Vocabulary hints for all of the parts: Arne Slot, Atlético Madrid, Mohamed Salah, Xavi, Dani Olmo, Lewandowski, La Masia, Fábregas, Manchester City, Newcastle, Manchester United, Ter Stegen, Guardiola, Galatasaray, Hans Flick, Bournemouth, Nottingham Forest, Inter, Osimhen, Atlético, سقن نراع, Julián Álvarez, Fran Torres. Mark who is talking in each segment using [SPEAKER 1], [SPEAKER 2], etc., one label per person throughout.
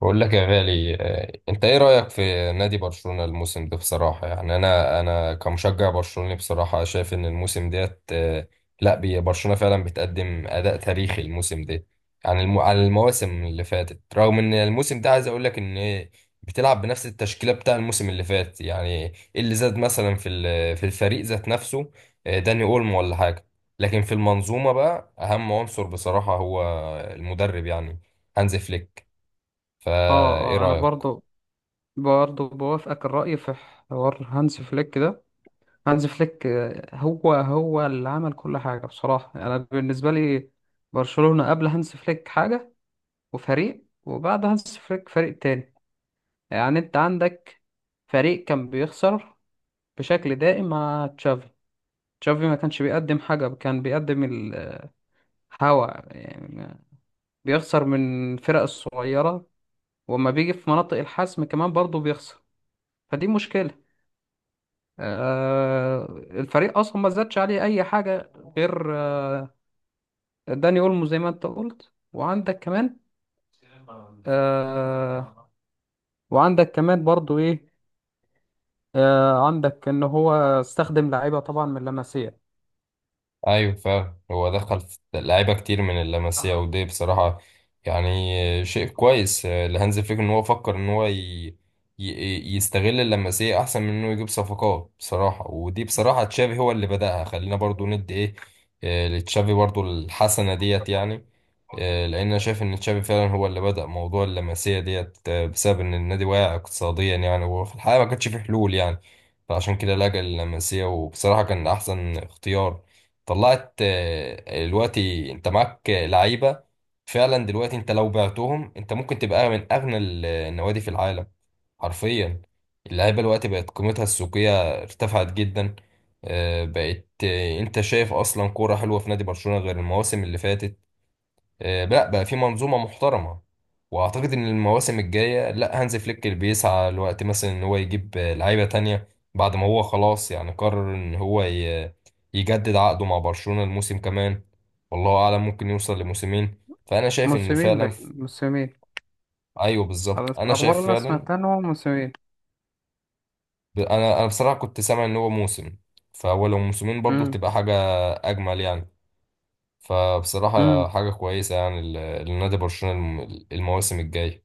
[SPEAKER 1] بقول لك يا غالي، انت ايه رأيك في نادي برشلونة الموسم ده؟ بصراحة يعني انا كمشجع برشلوني بصراحة شايف ان الموسم ديت، آه، لا بي- برشلونة فعلا بتقدم اداء تاريخي الموسم ده عن عن المواسم اللي فاتت. رغم ان الموسم ده عايز اقول لك ان بتلعب بنفس التشكيلة بتاع الموسم اللي فات، يعني ايه اللي زاد مثلا في الفريق ذات نفسه؟ داني اولمو ولا حاجة. لكن في المنظومة بقى اهم عنصر بصراحة هو المدرب يعني، هانز فليك. فايه
[SPEAKER 2] اه انا
[SPEAKER 1] رأيك؟
[SPEAKER 2] برضو بوافقك الرأي في حوار هانز فليك ده. هانز فليك، هو اللي عمل كل حاجة. بصراحة انا بالنسبة لي برشلونة قبل هانز فليك حاجة وفريق، وبعد هانز فليك فريق تاني. يعني انت عندك فريق كان بيخسر بشكل دائم مع تشافي. تشافي ما كانش بيقدم حاجة، كان بيقدم الهوا يعني، بيخسر من الفرق الصغيرة، وما بيجي في مناطق الحسم كمان برضو بيخسر. فدي مشكلة. آه، الفريق اصلا ما زادش عليه اي حاجه غير داني اولمو زي ما انت قلت، وعندك كمان آه، وعندك كمان برضو ايه، عندك ان هو استخدم لعيبه طبعا من لاماسيا.
[SPEAKER 1] ايوه فعلا، هو دخل في لعيبه كتير من اللمسيه، ودي بصراحه يعني شيء كويس لهانز فليك ان هو فكر ان هو يستغل اللمسيه احسن من انه يجيب صفقات. بصراحه ودي بصراحه تشافي هو اللي بدأها، خلينا برضو ندي ايه، لتشافي برضو الحسنه ديت يعني، لان انا شايف ان تشافي فعلا هو اللي بدأ موضوع اللمسيه ديت، بسبب ان النادي واقع اقتصاديا يعني، وفي الحقيقه ما كانش فيه حلول يعني. فعشان كده لجأ لللمسيه، وبصراحه كان احسن اختيار طلعت. دلوقتي انت معاك لعيبه فعلا، دلوقتي انت لو بعتهم انت ممكن تبقى من اغنى النوادي في العالم، حرفيا. اللعيبه دلوقتي بقت قيمتها السوقيه ارتفعت جدا، بقت، انت شايف اصلا كوره حلوه في نادي برشلونه غير المواسم اللي فاتت؟ لا بقى في منظومة محترمة. واعتقد ان المواسم الجاية، لا هانز فليك اللي بيسعى الوقت مثلا ان هو يجيب لعيبة تانية بعد ما هو خلاص يعني قرر ان هو يجدد عقده مع برشلونة الموسم كمان. والله اعلم ممكن يوصل لموسمين، فانا شايف ان
[SPEAKER 2] موسمين،
[SPEAKER 1] فعلا
[SPEAKER 2] باين موسمين.
[SPEAKER 1] ايوه
[SPEAKER 2] على بس
[SPEAKER 1] بالظبط، انا
[SPEAKER 2] الأخبار
[SPEAKER 1] شايف
[SPEAKER 2] اللي أنا
[SPEAKER 1] فعلا.
[SPEAKER 2] سمعتها إن هو موسمين.
[SPEAKER 1] انا بصراحة كنت سامع ان هو موسم، فهو لو موسمين برضو
[SPEAKER 2] مم.
[SPEAKER 1] تبقى حاجة اجمل يعني. فبصراحة
[SPEAKER 2] مم.
[SPEAKER 1] حاجة كويسة يعني لنادي برشلونة المواسم الجاية.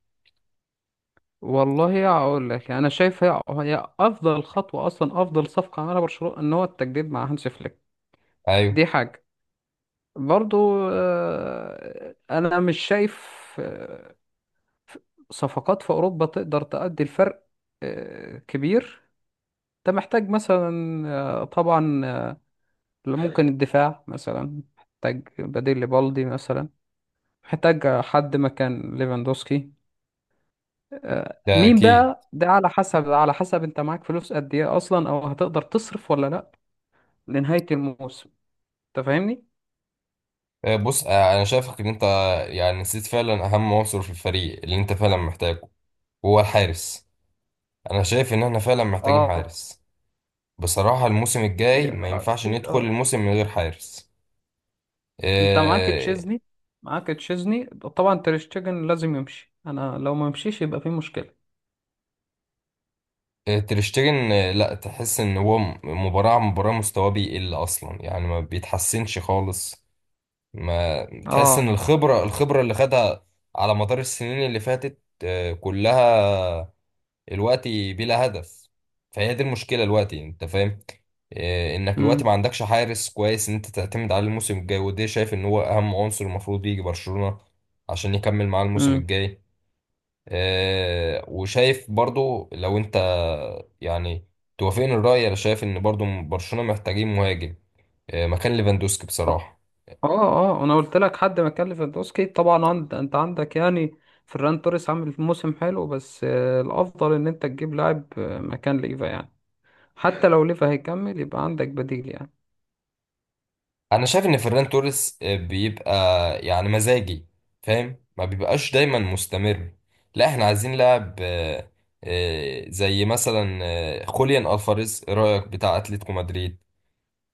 [SPEAKER 2] والله اقول لك يعني انا شايف هي افضل خطوه، اصلا افضل صفقه عملها برشلونه ان هو التجديد مع هانسي فليك.
[SPEAKER 1] ايوه
[SPEAKER 2] دي حاجه. برضو انا مش شايف آه، صفقات في اوروبا تقدر تؤدي الفرق كبير. انت محتاج مثلا، طبعا، ممكن الدفاع مثلا محتاج بديل لبالدي مثلا، محتاج حد مكان ليفاندوسكي.
[SPEAKER 1] ده
[SPEAKER 2] مين
[SPEAKER 1] اكيد.
[SPEAKER 2] بقى ده؟ على حسب، على حسب انت معاك فلوس قد ايه اصلا، او هتقدر تصرف ولا لا لنهاية الموسم. انت فاهمني؟
[SPEAKER 1] بص، انا شايفك ان انت يعني نسيت فعلا اهم عنصر في الفريق اللي انت فعلا محتاجه، هو الحارس. انا شايف ان احنا فعلا محتاجين
[SPEAKER 2] اه.
[SPEAKER 1] حارس. بصراحة الموسم الجاي ما ينفعش
[SPEAKER 2] اكيد
[SPEAKER 1] ندخل
[SPEAKER 2] اه.
[SPEAKER 1] الموسم من غير حارس.
[SPEAKER 2] انت معاك
[SPEAKER 1] آه،
[SPEAKER 2] تشيزني، معاك تشيزني طبعا. تريشتجن لازم يمشي، انا لو ما مشيش يبقى في مشكلة.
[SPEAKER 1] تريشتيجن، لا تحس ان هو مباراة عن مباراة مستواه بيقل اصلا يعني، ما بيتحسنش خالص. ما تحس
[SPEAKER 2] اه.
[SPEAKER 1] ان الخبرة، الخبرة اللي خدها على مدار السنين اللي فاتت، كلها دلوقتي بلا هدف. فهي دي المشكله دلوقتي، انت فاهم إيه، انك دلوقتي ما
[SPEAKER 2] امم.
[SPEAKER 1] عندكش حارس كويس ان انت تعتمد عليه الموسم الجاي، وده شايف ان هو اهم عنصر المفروض يجي برشلونه عشان يكمل معاه الموسم
[SPEAKER 2] امم.
[SPEAKER 1] الجاي. إيه، وشايف برضو لو انت يعني توافقني الرأي، انا شايف ان برضو برشلونه محتاجين مهاجم إيه، مكان ليفاندوسكي
[SPEAKER 2] اه
[SPEAKER 1] بصراحه.
[SPEAKER 2] اه، انا قلت لك حد ما كان ليفاندوسكي طبعا. عند، انت عندك يعني فران توريس عامل موسم حلو، بس الافضل ان انت تجيب لاعب مكان ليفا يعني. حتى لو ليفا هيكمل، يبقى عندك بديل يعني.
[SPEAKER 1] انا شايف ان فران توريس، بيبقى يعني مزاجي، فاهم؟ ما بيبقاش دايما مستمر. لا احنا عايزين لاعب، زي مثلا خوليان الفاريز، إيه رايك؟ بتاع اتلتيكو مدريد.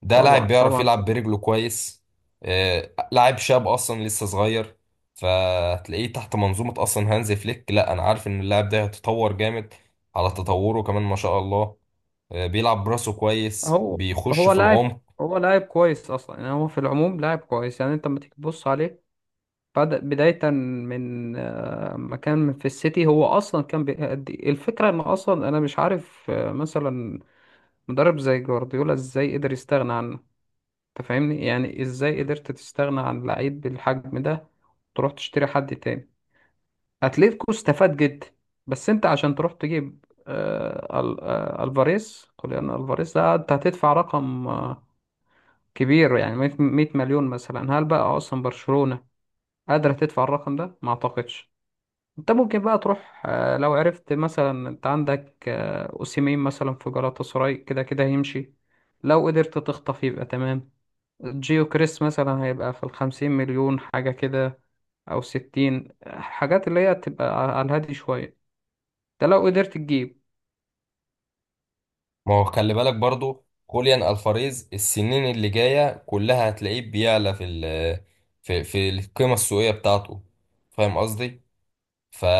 [SPEAKER 1] ده
[SPEAKER 2] طبعا
[SPEAKER 1] لاعب بيعرف
[SPEAKER 2] طبعا
[SPEAKER 1] يلعب برجله كويس، لاعب شاب اصلا لسه صغير. فتلاقيه تحت منظومة اصلا هانز فليك، لا انا عارف ان اللاعب ده هيتطور جامد على تطوره كمان، ما شاء الله. بيلعب براسه كويس،
[SPEAKER 2] هو
[SPEAKER 1] بيخش
[SPEAKER 2] هو
[SPEAKER 1] في
[SPEAKER 2] لاعب
[SPEAKER 1] العمق.
[SPEAKER 2] هو لاعب كويس اصلا يعني. هو في العموم لاعب كويس. يعني انت لما تيجي تبص عليه، بدأ بداية من ما كان في السيتي. هو اصلا كان بيأدي الفكرة ان اصلا انا مش عارف مثلا مدرب زي جوارديولا ازاي قدر يستغنى عنه. انت فاهمني يعني؟ ازاي قدرت تستغنى عن لعيب بالحجم ده تروح تشتري حد تاني؟ اتلتيكو استفاد جدا. بس انت عشان تروح تجيب الفاريز، خلينا الفاريز ده، انت هتدفع رقم كبير يعني، 100 مليون مثلا. هل بقى اصلا برشلونة قادرة تدفع الرقم ده؟ ما اعتقدش. انت ممكن بقى تروح لو عرفت مثلا، انت عندك اوسيمين مثلا في جالاتا سراي، كده كده هيمشي. لو قدرت تخطف يبقى تمام. جيو كريس مثلا هيبقى في 50 مليون حاجة كده، أو 60، حاجات اللي هي تبقى على الهادي شوية. ده لو قدرت تجيب.
[SPEAKER 1] ما هو خلي بالك برضو خوليان الفاريز السنين اللي جايه كلها هتلاقيه بيعلى في في القيمه السوقيه بتاعته، فاهم قصدي؟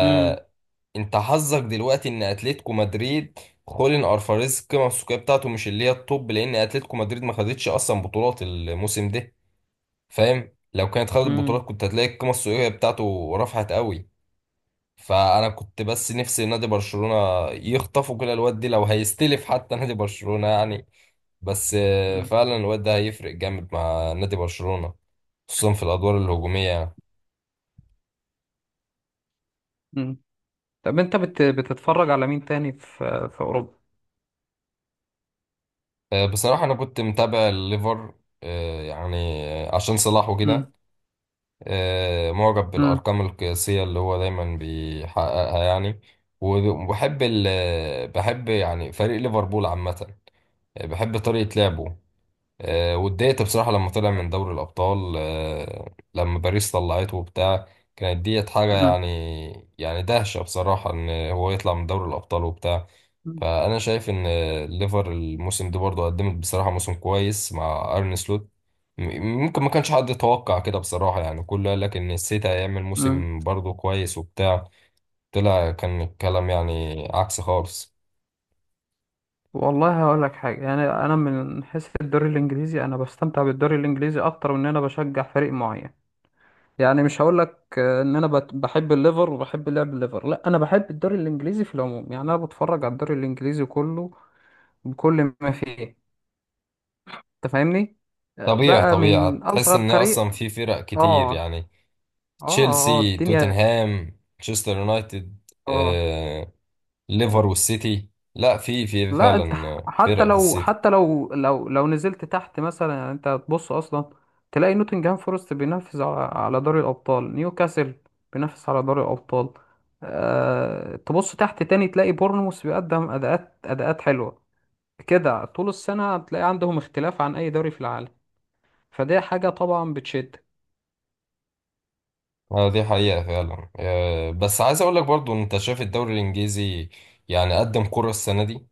[SPEAKER 2] امم.
[SPEAKER 1] حظك دلوقتي ان اتلتيكو مدريد، خوليان الفاريز القيمه السوقيه بتاعته مش اللي هي الطب، لان اتلتيكو مدريد ما خدتش اصلا بطولات الموسم ده. فاهم؟ لو كانت خدت بطولات
[SPEAKER 2] امم.
[SPEAKER 1] كنت هتلاقي القيمه السوقيه بتاعته رفعت قوي. فانا كنت بس نفسي نادي برشلونه يخطفوا كده الواد دي، لو هيستلف حتى نادي برشلونه يعني. بس
[SPEAKER 2] امم.
[SPEAKER 1] فعلا الواد ده هيفرق جامد مع نادي برشلونة، خصوصا في الأدوار الهجومية يعني.
[SPEAKER 2] مم. طب انت بتتفرج على مين تاني في اوروبا؟
[SPEAKER 1] بصراحة أنا كنت متابع الليفر، يعني عشان صلاح وكده،
[SPEAKER 2] امم.
[SPEAKER 1] معجب
[SPEAKER 2] امم.
[SPEAKER 1] بالأرقام القياسية اللي هو دايما بيحققها يعني. وبحب ال بحب يعني فريق ليفربول عامة، بحب طريقة لعبه. واتضايقت بصراحة لما طلع من دوري الأبطال، لما باريس طلعته وبتاع. كانت ديت حاجة
[SPEAKER 2] امم.
[SPEAKER 1] يعني، يعني دهشة بصراحة إن هو يطلع من دوري الأبطال وبتاع. فأنا شايف إن ليفر الموسم ده برضه قدمت بصراحة موسم كويس مع أرن سلوت. ممكن ما كانش حد يتوقع كده بصراحة يعني، كله قال لك إن السيتي هيعمل
[SPEAKER 2] امم.
[SPEAKER 1] موسم برضه كويس وبتاع، طلع كان الكلام يعني عكس خالص.
[SPEAKER 2] والله هقول لك حاجة يعني، أنا من حيث الدوري الإنجليزي، أنا بستمتع بالدوري الإنجليزي أكتر من إن أنا بشجع فريق معين. يعني مش هقول لك إن أنا بحب الليفر وبحب لعب الليفر، لا، أنا بحب الدوري الإنجليزي في العموم. يعني أنا بتفرج على الدوري الإنجليزي كله بكل ما فيه. أنت فاهمني؟
[SPEAKER 1] طبيعي
[SPEAKER 2] بقى
[SPEAKER 1] طبيعي
[SPEAKER 2] من
[SPEAKER 1] تحس
[SPEAKER 2] أصغر
[SPEAKER 1] إن
[SPEAKER 2] فريق.
[SPEAKER 1] أصلا في فرق كتير
[SPEAKER 2] آه.
[SPEAKER 1] يعني،
[SPEAKER 2] اه. اه
[SPEAKER 1] تشيلسي،
[SPEAKER 2] الدنيا.
[SPEAKER 1] توتنهام، مانشستر يونايتد،
[SPEAKER 2] اه.
[SPEAKER 1] آه، ليفر
[SPEAKER 2] آه،
[SPEAKER 1] والسيتي. لا في
[SPEAKER 2] لا، انت
[SPEAKER 1] فعلا
[SPEAKER 2] حتى
[SPEAKER 1] فرق في
[SPEAKER 2] لو،
[SPEAKER 1] السيتي.
[SPEAKER 2] حتى لو، لو نزلت تحت مثلا يعني، انت هتبص اصلا تلاقي نوتنجهام فورست بينافس على دوري الابطال، نيوكاسل بينافس على دوري الابطال. أه، تبص تحت تاني تلاقي بورنموث بيقدم اداءات حلوه كده. طول السنه هتلاقي عندهم اختلاف عن اي دوري في العالم. فدي حاجه طبعا بتشد.
[SPEAKER 1] دي حقيقة فعلا. بس عايز اقول لك برضو، انت شايف الدوري الانجليزي يعني قدم كرة السنة دي؟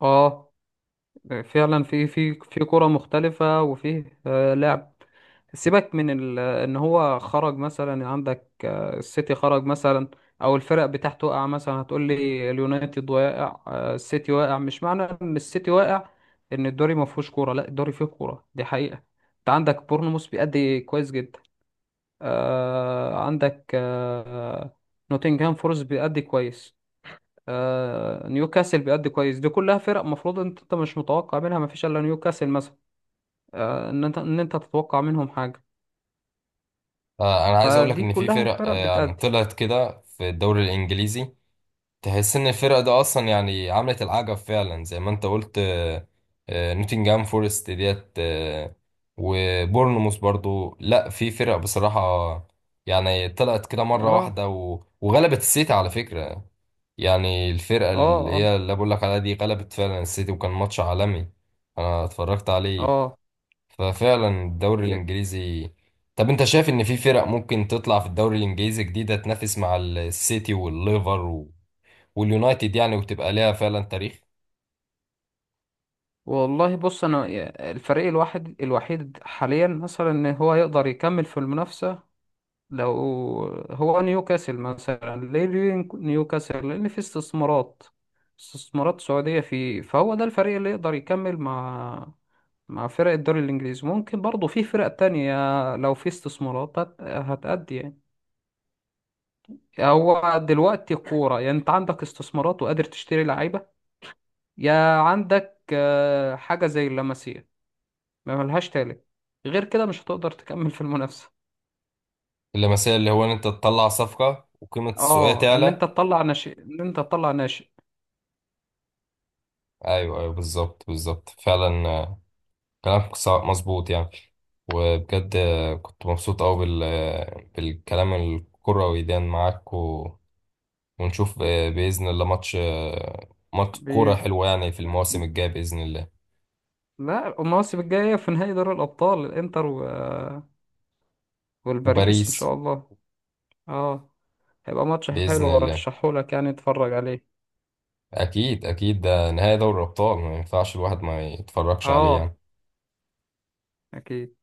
[SPEAKER 2] اه، فعلا في كرة مختلفة، وفيه لعب. سيبك من ان هو خرج مثلا. عندك السيتي خرج مثلا، او الفرق بتاعته وقع مثلا. هتقول لي اليونايتد واقع، السيتي واقع، مش معنى ان السيتي واقع ان الدوري ما فيهوش كوره. لا، الدوري فيه كوره، دي حقيقة. انت عندك بورنموث بيأدي كويس جدا، عندك نوتنغهام فورست بيأدي كويس، نيوكاسل بيأدي كويس. دي كلها فرق مفروض انت مش متوقع منها، مفيش الا نيوكاسل مثلا ان انت، ان انت تتوقع منهم حاجة.
[SPEAKER 1] انا عايز اقول لك
[SPEAKER 2] فدي
[SPEAKER 1] ان في
[SPEAKER 2] كلها
[SPEAKER 1] فرق،
[SPEAKER 2] فرق
[SPEAKER 1] يعني
[SPEAKER 2] بتأدي.
[SPEAKER 1] طلعت كده في الدوري الانجليزي، تحس ان الفرقه ده اصلا يعني عملت العجب فعلا زي ما انت قلت. نوتنجهام فورست ديت، وبورنموث برضو، لا في فرق بصراحه يعني طلعت كده مره
[SPEAKER 2] اه.
[SPEAKER 1] واحده وغلبت السيتي على فكره. يعني الفرقه اللي
[SPEAKER 2] اه. اه.
[SPEAKER 1] هي اللي بقول لك عليها دي غلبت فعلا السيتي، وكان ماتش عالمي انا اتفرجت عليه.
[SPEAKER 2] اه.
[SPEAKER 1] ففعلا الدوري الانجليزي، طب انت شايف ان في فرق ممكن تطلع في الدوري الانجليزي جديده تنافس مع السيتي والليفر واليونايتد يعني وتبقى ليها فعلا تاريخ؟
[SPEAKER 2] والله بص، انا الفريق الوحيد حاليا مثلا ان هو يقدر يكمل في المنافسة لو، هو نيوكاسل مثلا. ليه؟ ليه نيوكاسل؟ لأن في استثمارات، استثمارات سعودية فيه، فهو ده الفريق اللي يقدر يكمل مع، مع فرق الدوري الإنجليزي. ممكن برضه في فرق تانية لو في استثمارات هتأدي يعني. هو دلوقتي كورة يعني أنت عندك استثمارات وقادر تشتري لعيبة، يا عندك حاجة زي اللمسية، ما ملهاش تالت. غير كده مش هتقدر تكمل في المنافسة.
[SPEAKER 1] اللمسيه اللي هو ان انت تطلع صفقه وقيمه السوقيه
[SPEAKER 2] اه، ان انت
[SPEAKER 1] تعلى.
[SPEAKER 2] تطلع ناشئ، ان انت تطلع
[SPEAKER 1] ايوه ايوه بالظبط بالظبط، فعلا كلامك مظبوط يعني. وبجد كنت مبسوط قوي بالكلام الكروي ده معاك، ونشوف باذن الله ماتش ماتش كوره
[SPEAKER 2] ناشئ.
[SPEAKER 1] حلوه يعني في المواسم الجايه باذن الله.
[SPEAKER 2] لا، المواسم الجاية في نهائي دوري الأبطال الإنتر والباريس إن
[SPEAKER 1] وباريس
[SPEAKER 2] شاء الله. اه. هيبقى ماتش
[SPEAKER 1] باذن
[SPEAKER 2] حلو،
[SPEAKER 1] الله،
[SPEAKER 2] أرشحهولك يعني تتفرج عليه.
[SPEAKER 1] اكيد اكيد، ده نهائي دوري الابطال ما ينفعش الواحد ما يتفرجش عليه
[SPEAKER 2] اه.
[SPEAKER 1] يعني.
[SPEAKER 2] أكيد.